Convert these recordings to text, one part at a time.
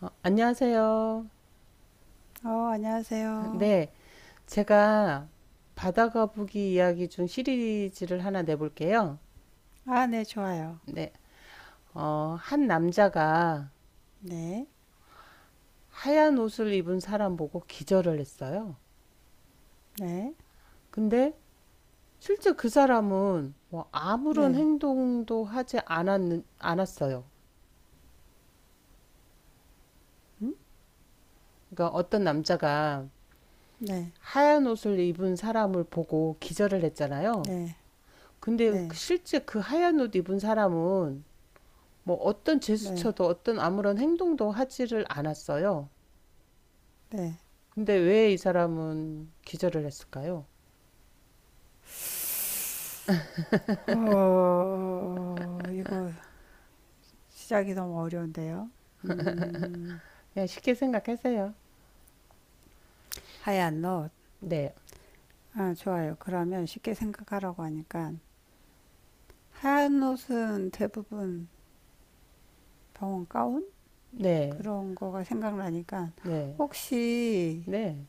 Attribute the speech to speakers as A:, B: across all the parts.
A: 안녕하세요.
B: 어, 안녕하세요.
A: 네, 제가 바다거북이 이야기 중 시리즈를 하나 내볼게요.
B: 아, 네, 좋아요.
A: 네, 한 남자가
B: 네,
A: 하얀 옷을 입은 사람 보고 기절을 했어요.
B: 네,
A: 근데 실제 그 사람은 뭐 아무런
B: 네,
A: 않았어요.
B: 음?
A: 그러니까 어떤 남자가
B: 네,
A: 하얀 옷을 입은 사람을 보고 기절을 했잖아요.
B: 네,
A: 근데
B: 네,
A: 실제 그 하얀 옷 입은 사람은 뭐 어떤
B: 네,
A: 제스처도 어떤 아무런 행동도 하지를 않았어요.
B: 네.
A: 근데 왜 이 사람은 기절을 했을까요?
B: 이거 시작이 너무 어려운데요.
A: 그냥 쉽게 생각하세요.
B: 하얀 옷.
A: 네,
B: 아, 좋아요. 그러면 쉽게 생각하라고 하니까. 하얀 옷은 대부분 병원 가운?
A: 네,
B: 그런 거가 생각나니까.
A: 네,
B: 혹시
A: 네,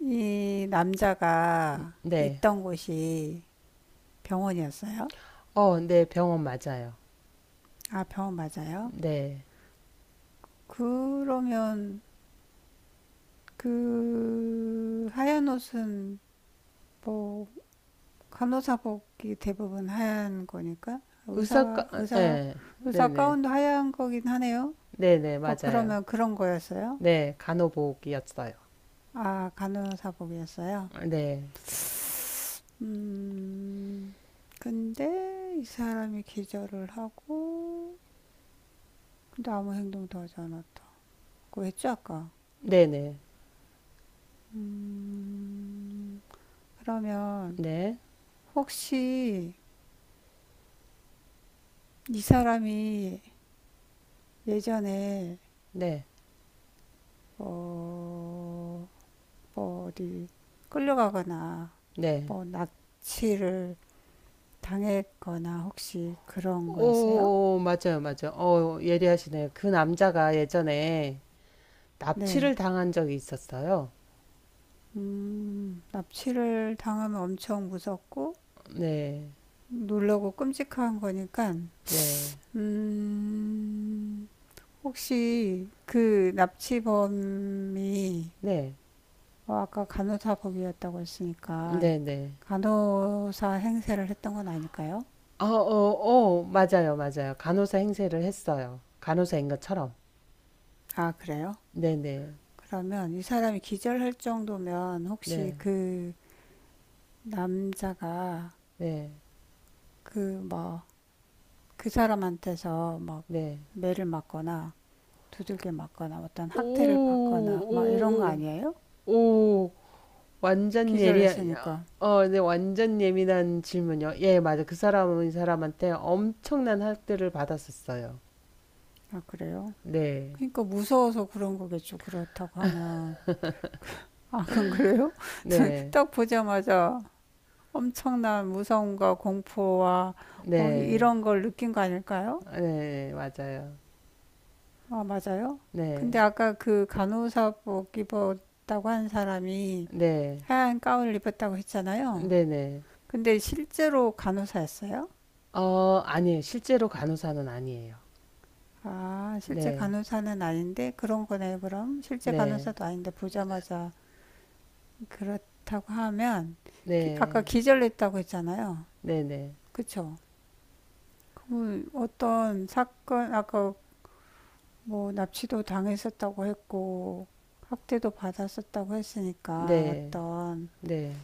B: 이 남자가
A: 네.
B: 있던 곳이 병원이었어요?
A: 네, 병원 맞아요.
B: 아, 병원 맞아요?
A: 네.
B: 그러면 그 하얀 옷은 뭐 간호사복이 대부분 하얀 거니까 의사 의사
A: 네,
B: 의사
A: 네네,
B: 가운도 하얀 거긴 하네요.
A: 네네,
B: 뭐
A: 맞아요.
B: 그러면 그런 거였어요?
A: 네, 간호복이었어요.
B: 아 간호사복이었어요.
A: 네,
B: 음, 근데 이 사람이 기절을 하고 근데 아무 행동도 하지 않았다. 그거 했죠 아까?
A: 네네,
B: 그러면
A: 네, 네,
B: 혹시 이 사람이 예전에
A: 네.
B: 어, 뭐 어디 끌려가거나
A: 네.
B: 뭐 납치를 당했거나 혹시 그런 거였어요?
A: 오, 맞아요, 맞아요. 어, 예리하시네요. 그 남자가 예전에
B: 네.
A: 납치를 당한 적이 있었어요.
B: 납치를 당하면 엄청 무섭고
A: 네,
B: 놀라고 끔찍한 거니까,
A: 네,
B: 음, 혹시 그 납치범이,
A: 네,
B: 아까 간호사복이었다고 했으니까
A: 네, 네.
B: 간호사 행세를 했던 건 아닐까요?
A: 어, 어, 어, 맞아요, 맞아요. 간호사 행세를 했어요. 간호사인 것처럼.
B: 아, 그래요?
A: 네, 네,
B: 그러면 이 사람이 기절할 정도면 혹시
A: 네,
B: 그 남자가
A: 네,
B: 그 뭐 그 사람한테서 막
A: 네.
B: 매를 맞거나 두들겨 맞거나 어떤
A: 오,
B: 학대를 받거나 막 이런 거
A: 오,
B: 아니에요?
A: 오, 오, 완전 예리,
B: 기절했으니까.
A: 네, 완전 예민한 질문이요. 예, 맞아. 그 사람은 이 사람한테 엄청난 학대를 받았었어요.
B: 아, 그래요?
A: 네,
B: 그러니까 무서워서 그런 거겠죠. 그렇다고 하면. 아, 그건 그래요?
A: 네,
B: 딱 보자마자 엄청난 무서움과 공포와 뭐
A: 네,
B: 이런 걸 느낀 거 아닐까요?
A: 네, 맞아요.
B: 아, 맞아요? 근데
A: 네,
B: 아까 그 간호사복 입었다고 한 사람이
A: 네.
B: 하얀 가운을 입었다고 했잖아요.
A: 네네.
B: 근데 실제로 간호사였어요?
A: 아니에요. 실제로 간호사는 아니에요.
B: 아, 실제
A: 네.
B: 간호사는 아닌데 그런 거네요, 그럼. 실제
A: 네.
B: 간호사도 아닌데 보자마자 그렇다고 하면 아까
A: 네.
B: 기절했다고 했잖아요.
A: 네네.
B: 그쵸? 그럼 어떤 사건, 아까 뭐 납치도 당했었다고 했고 학대도 받았었다고 했으니까
A: 네.
B: 어떤
A: 네.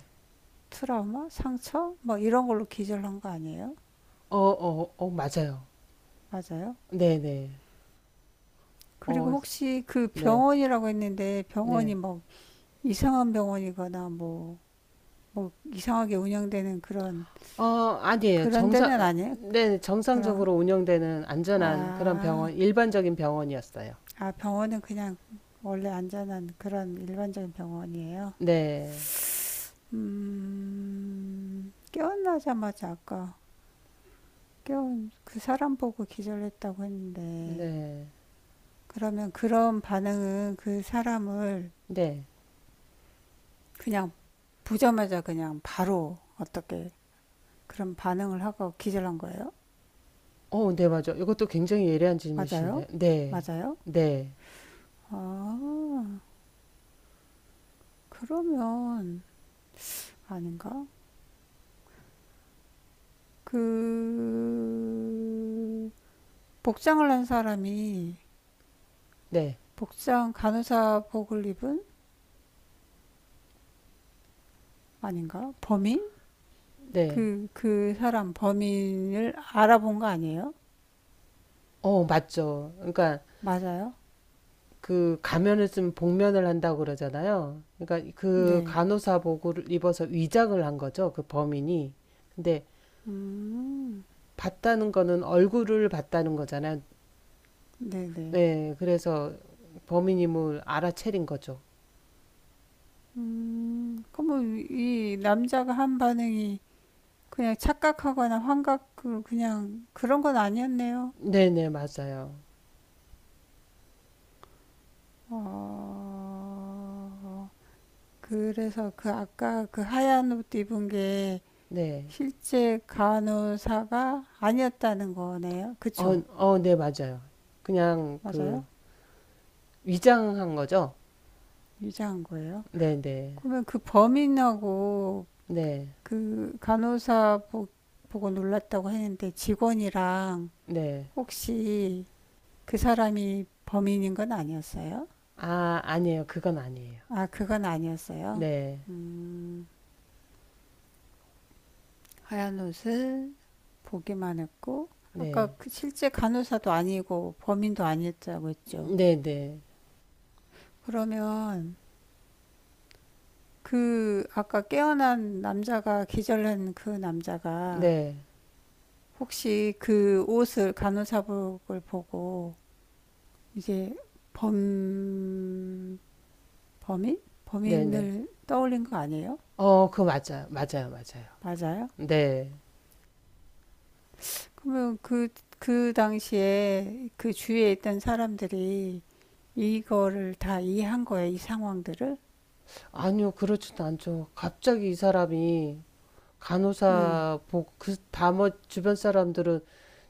B: 트라우마, 상처 뭐 이런 걸로 기절한 거 아니에요?
A: 어 어 어 맞아요.
B: 맞아요?
A: 네네.
B: 그리고
A: 어
B: 혹시 그
A: 네.
B: 병원이라고 했는데
A: 네.
B: 병원이 뭐 이상한 병원이거나 뭐, 뭐 이상하게 운영되는 그런
A: 아니에요.
B: 그런 데는
A: 정상
B: 아니에요?
A: 네.
B: 그런,
A: 정상적으로 운영되는 안전한 그런
B: 아,
A: 병원 일반적인 병원이었어요.
B: 아 병원은 그냥 원래 안전한 그런 일반적인 병원이에요.
A: 네.
B: 깨어나자마자 아까 깨운 그 사람 보고 기절했다고 했는데
A: 네.
B: 그러면 그런 반응은 그 사람을
A: 네.
B: 그냥 보자마자 그냥 바로 어떻게 그런 반응을 하고 기절한 거예요?
A: 어 네 맞아요. 이것도 굉장히 예리한
B: 맞아요?
A: 질문이신데. 네.
B: 맞아요?
A: 네.
B: 아, 그러면 아닌가? 그 복장을 한 사람이
A: 네.
B: 복장 간호사복을 입은 아닌가? 범인?
A: 네.
B: 그, 그 사람 범인을 알아본 거 아니에요?
A: 어 맞죠. 그러니까
B: 맞아요?
A: 그 가면을 쓰면 복면을 한다고 그러잖아요. 그러니까 그
B: 네.
A: 간호사복을 입어서 위장을 한 거죠. 그 범인이. 근데
B: 음,
A: 봤다는 거는 얼굴을 봤다는 거잖아요.
B: 네네.
A: 네, 그래서 범인임을 알아채린 거죠.
B: 그러면 이 남자가 한 반응이 그냥 착각하거나 환각, 그냥 그런 건 아니었네요.
A: 네네, 맞아요.
B: 어, 그래서 그 아까 그 하얀 옷 입은 게
A: 네.
B: 실제 간호사가 아니었다는 거네요.
A: 어,
B: 그쵸?
A: 네, 맞아요. 그냥 그
B: 맞아요?
A: 위장한 거죠?
B: 유자한 거예요.
A: 네네. 네.
B: 그러면 그 범인하고
A: 네.
B: 그 보고 놀랐다고 했는데 직원이랑
A: 네.
B: 혹시 그 사람이 범인인 건 아니었어요?
A: 아, 아니에요. 그건 아니에요.
B: 아, 그건 아니었어요.
A: 네.
B: 하얀 옷을 보기만 했고, 아까
A: 네.
B: 그 실제 간호사도 아니고 범인도 아니었다고 했죠.
A: 네네.
B: 그러면 그 아까 깨어난 남자가 기절한 그 남자가
A: 네.
B: 혹시 그 옷을 간호사복을 보고 이제 범 범인
A: 네네.
B: 범인을 떠올린 거 아니에요?
A: 어, 그거 맞아요. 맞아요. 맞아요.
B: 맞아요?
A: 네.
B: 그러면 그, 그 당시에 그 주위에 있던 사람들이 이거를 다 이해한 거예요, 이 상황들을?
A: 아니요, 그렇진 않죠. 갑자기 이 사람이
B: 네,
A: 다머 주변 사람들은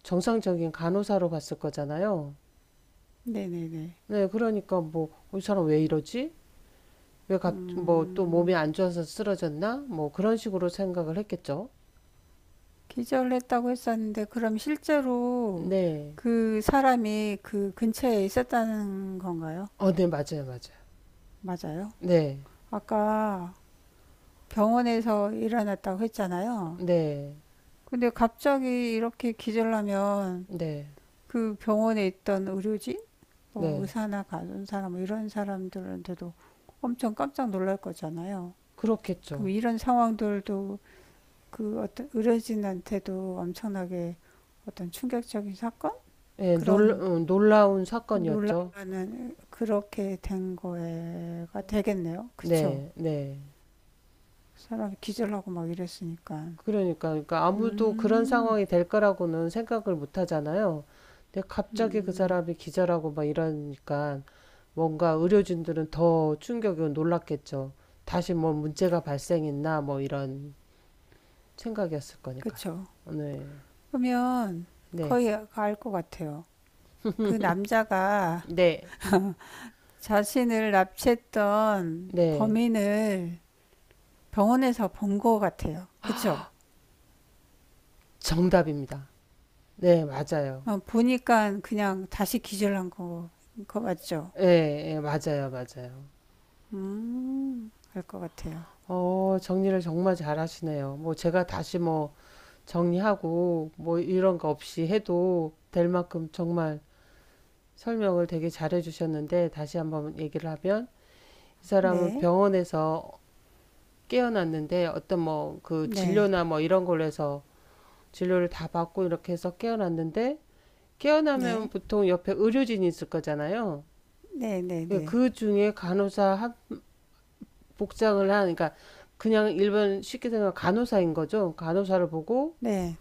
A: 정상적인 간호사로 봤을 거잖아요.
B: 네네네.
A: 네, 그러니까 이 사람 왜 이러지? 뭐, 또 몸이
B: 음,
A: 안 좋아서 쓰러졌나? 뭐, 그런 식으로 생각을 했겠죠.
B: 기절했다고 했었는데, 그럼 실제로
A: 네.
B: 그 사람이 그 근처에 있었다는 건가요?
A: 어, 네, 맞아요. 맞아요.
B: 맞아요?
A: 네.
B: 아까 병원에서 일어났다고 했잖아요.
A: 네.
B: 근데 갑자기 이렇게 기절하면
A: 네.
B: 그 병원에 있던 의료진, 뭐
A: 네.
B: 의사나 간호사 뭐 이런 사람들한테도 엄청 깜짝 놀랄 거잖아요. 그럼
A: 그렇겠죠.
B: 이런 상황들도 그 어떤 의료진한테도 엄청나게 어떤 충격적인 사건? 그런
A: 놀라운 사건이었죠.
B: 놀랄만한 그렇게 된 거가 되겠네요. 그쵸?
A: 네. 네.
B: 사람이 기절하고 막 이랬으니까.
A: 그러니까, 그러니까 아무도 그런
B: 음,
A: 상황이 될 거라고는 생각을 못 하잖아요. 근데 갑자기 그
B: 음,
A: 사람이 기절하고 막 이러니까 뭔가 의료진들은 더 충격이고 놀랐겠죠. 다시 뭐 문제가 발생했나 뭐 이런 생각이었을 거니까요.
B: 그쵸.
A: 네,
B: 그러면
A: 네,
B: 거의 알 것 같아요. 그 남자가
A: 네,
B: 자신을 납치했던
A: 네,
B: 범인을 병원에서 본 거 같아요. 그죠?
A: 정답입니다. 네, 맞아요.
B: 어, 보니까 그냥 다시 기절한 거, 거 맞죠?
A: 예, 예, 맞아요, 맞아요.
B: 알 것 같아요.
A: 어, 정리를 정말 잘하시네요. 뭐 제가 다시 뭐 정리하고 뭐 이런 거 없이 해도 될 만큼 정말 설명을 되게 잘해 주셨는데 다시 한번 얘기를 하면 이 사람은
B: 네,
A: 병원에서 깨어났는데 어떤 뭐 그
B: 네,
A: 진료나 뭐 이런 걸로 해서 진료를 다 받고 이렇게 해서 깨어났는데 깨어나면
B: 네,
A: 보통 옆에 의료진이 있을 거잖아요.
B: 네, 네,
A: 예,
B: 네.
A: 그 중에 복장을 한, 그러니까 그냥 일반 쉽게 생각하면 간호사인 거죠. 간호사를 보고
B: 네,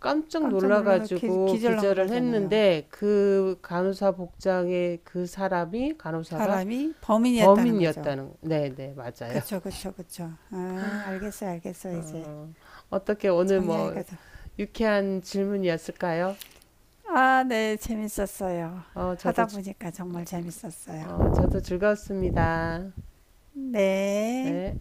A: 깜짝
B: 깜짝 놀라서
A: 놀라가지고
B: 기절한
A: 기절을
B: 거잖아요.
A: 했는데 그 간호사 복장의 그 사람이 간호사가
B: 사람이 범인이었다는 거죠.
A: 범인이었다는 네네 맞아요.
B: 그쵸, 그쵸, 그쵸. 아, 알겠어요, 알겠어요, 이제.
A: 어, 어떻게 오늘
B: 정리하니까
A: 뭐
B: 더.
A: 유쾌한 질문이었을까요?
B: 아, 네, 재밌었어요.
A: 어 저도
B: 하다
A: 즐-
B: 보니까 정말 재밌었어요.
A: 어 저도 즐거웠습니다.
B: 네.
A: 네.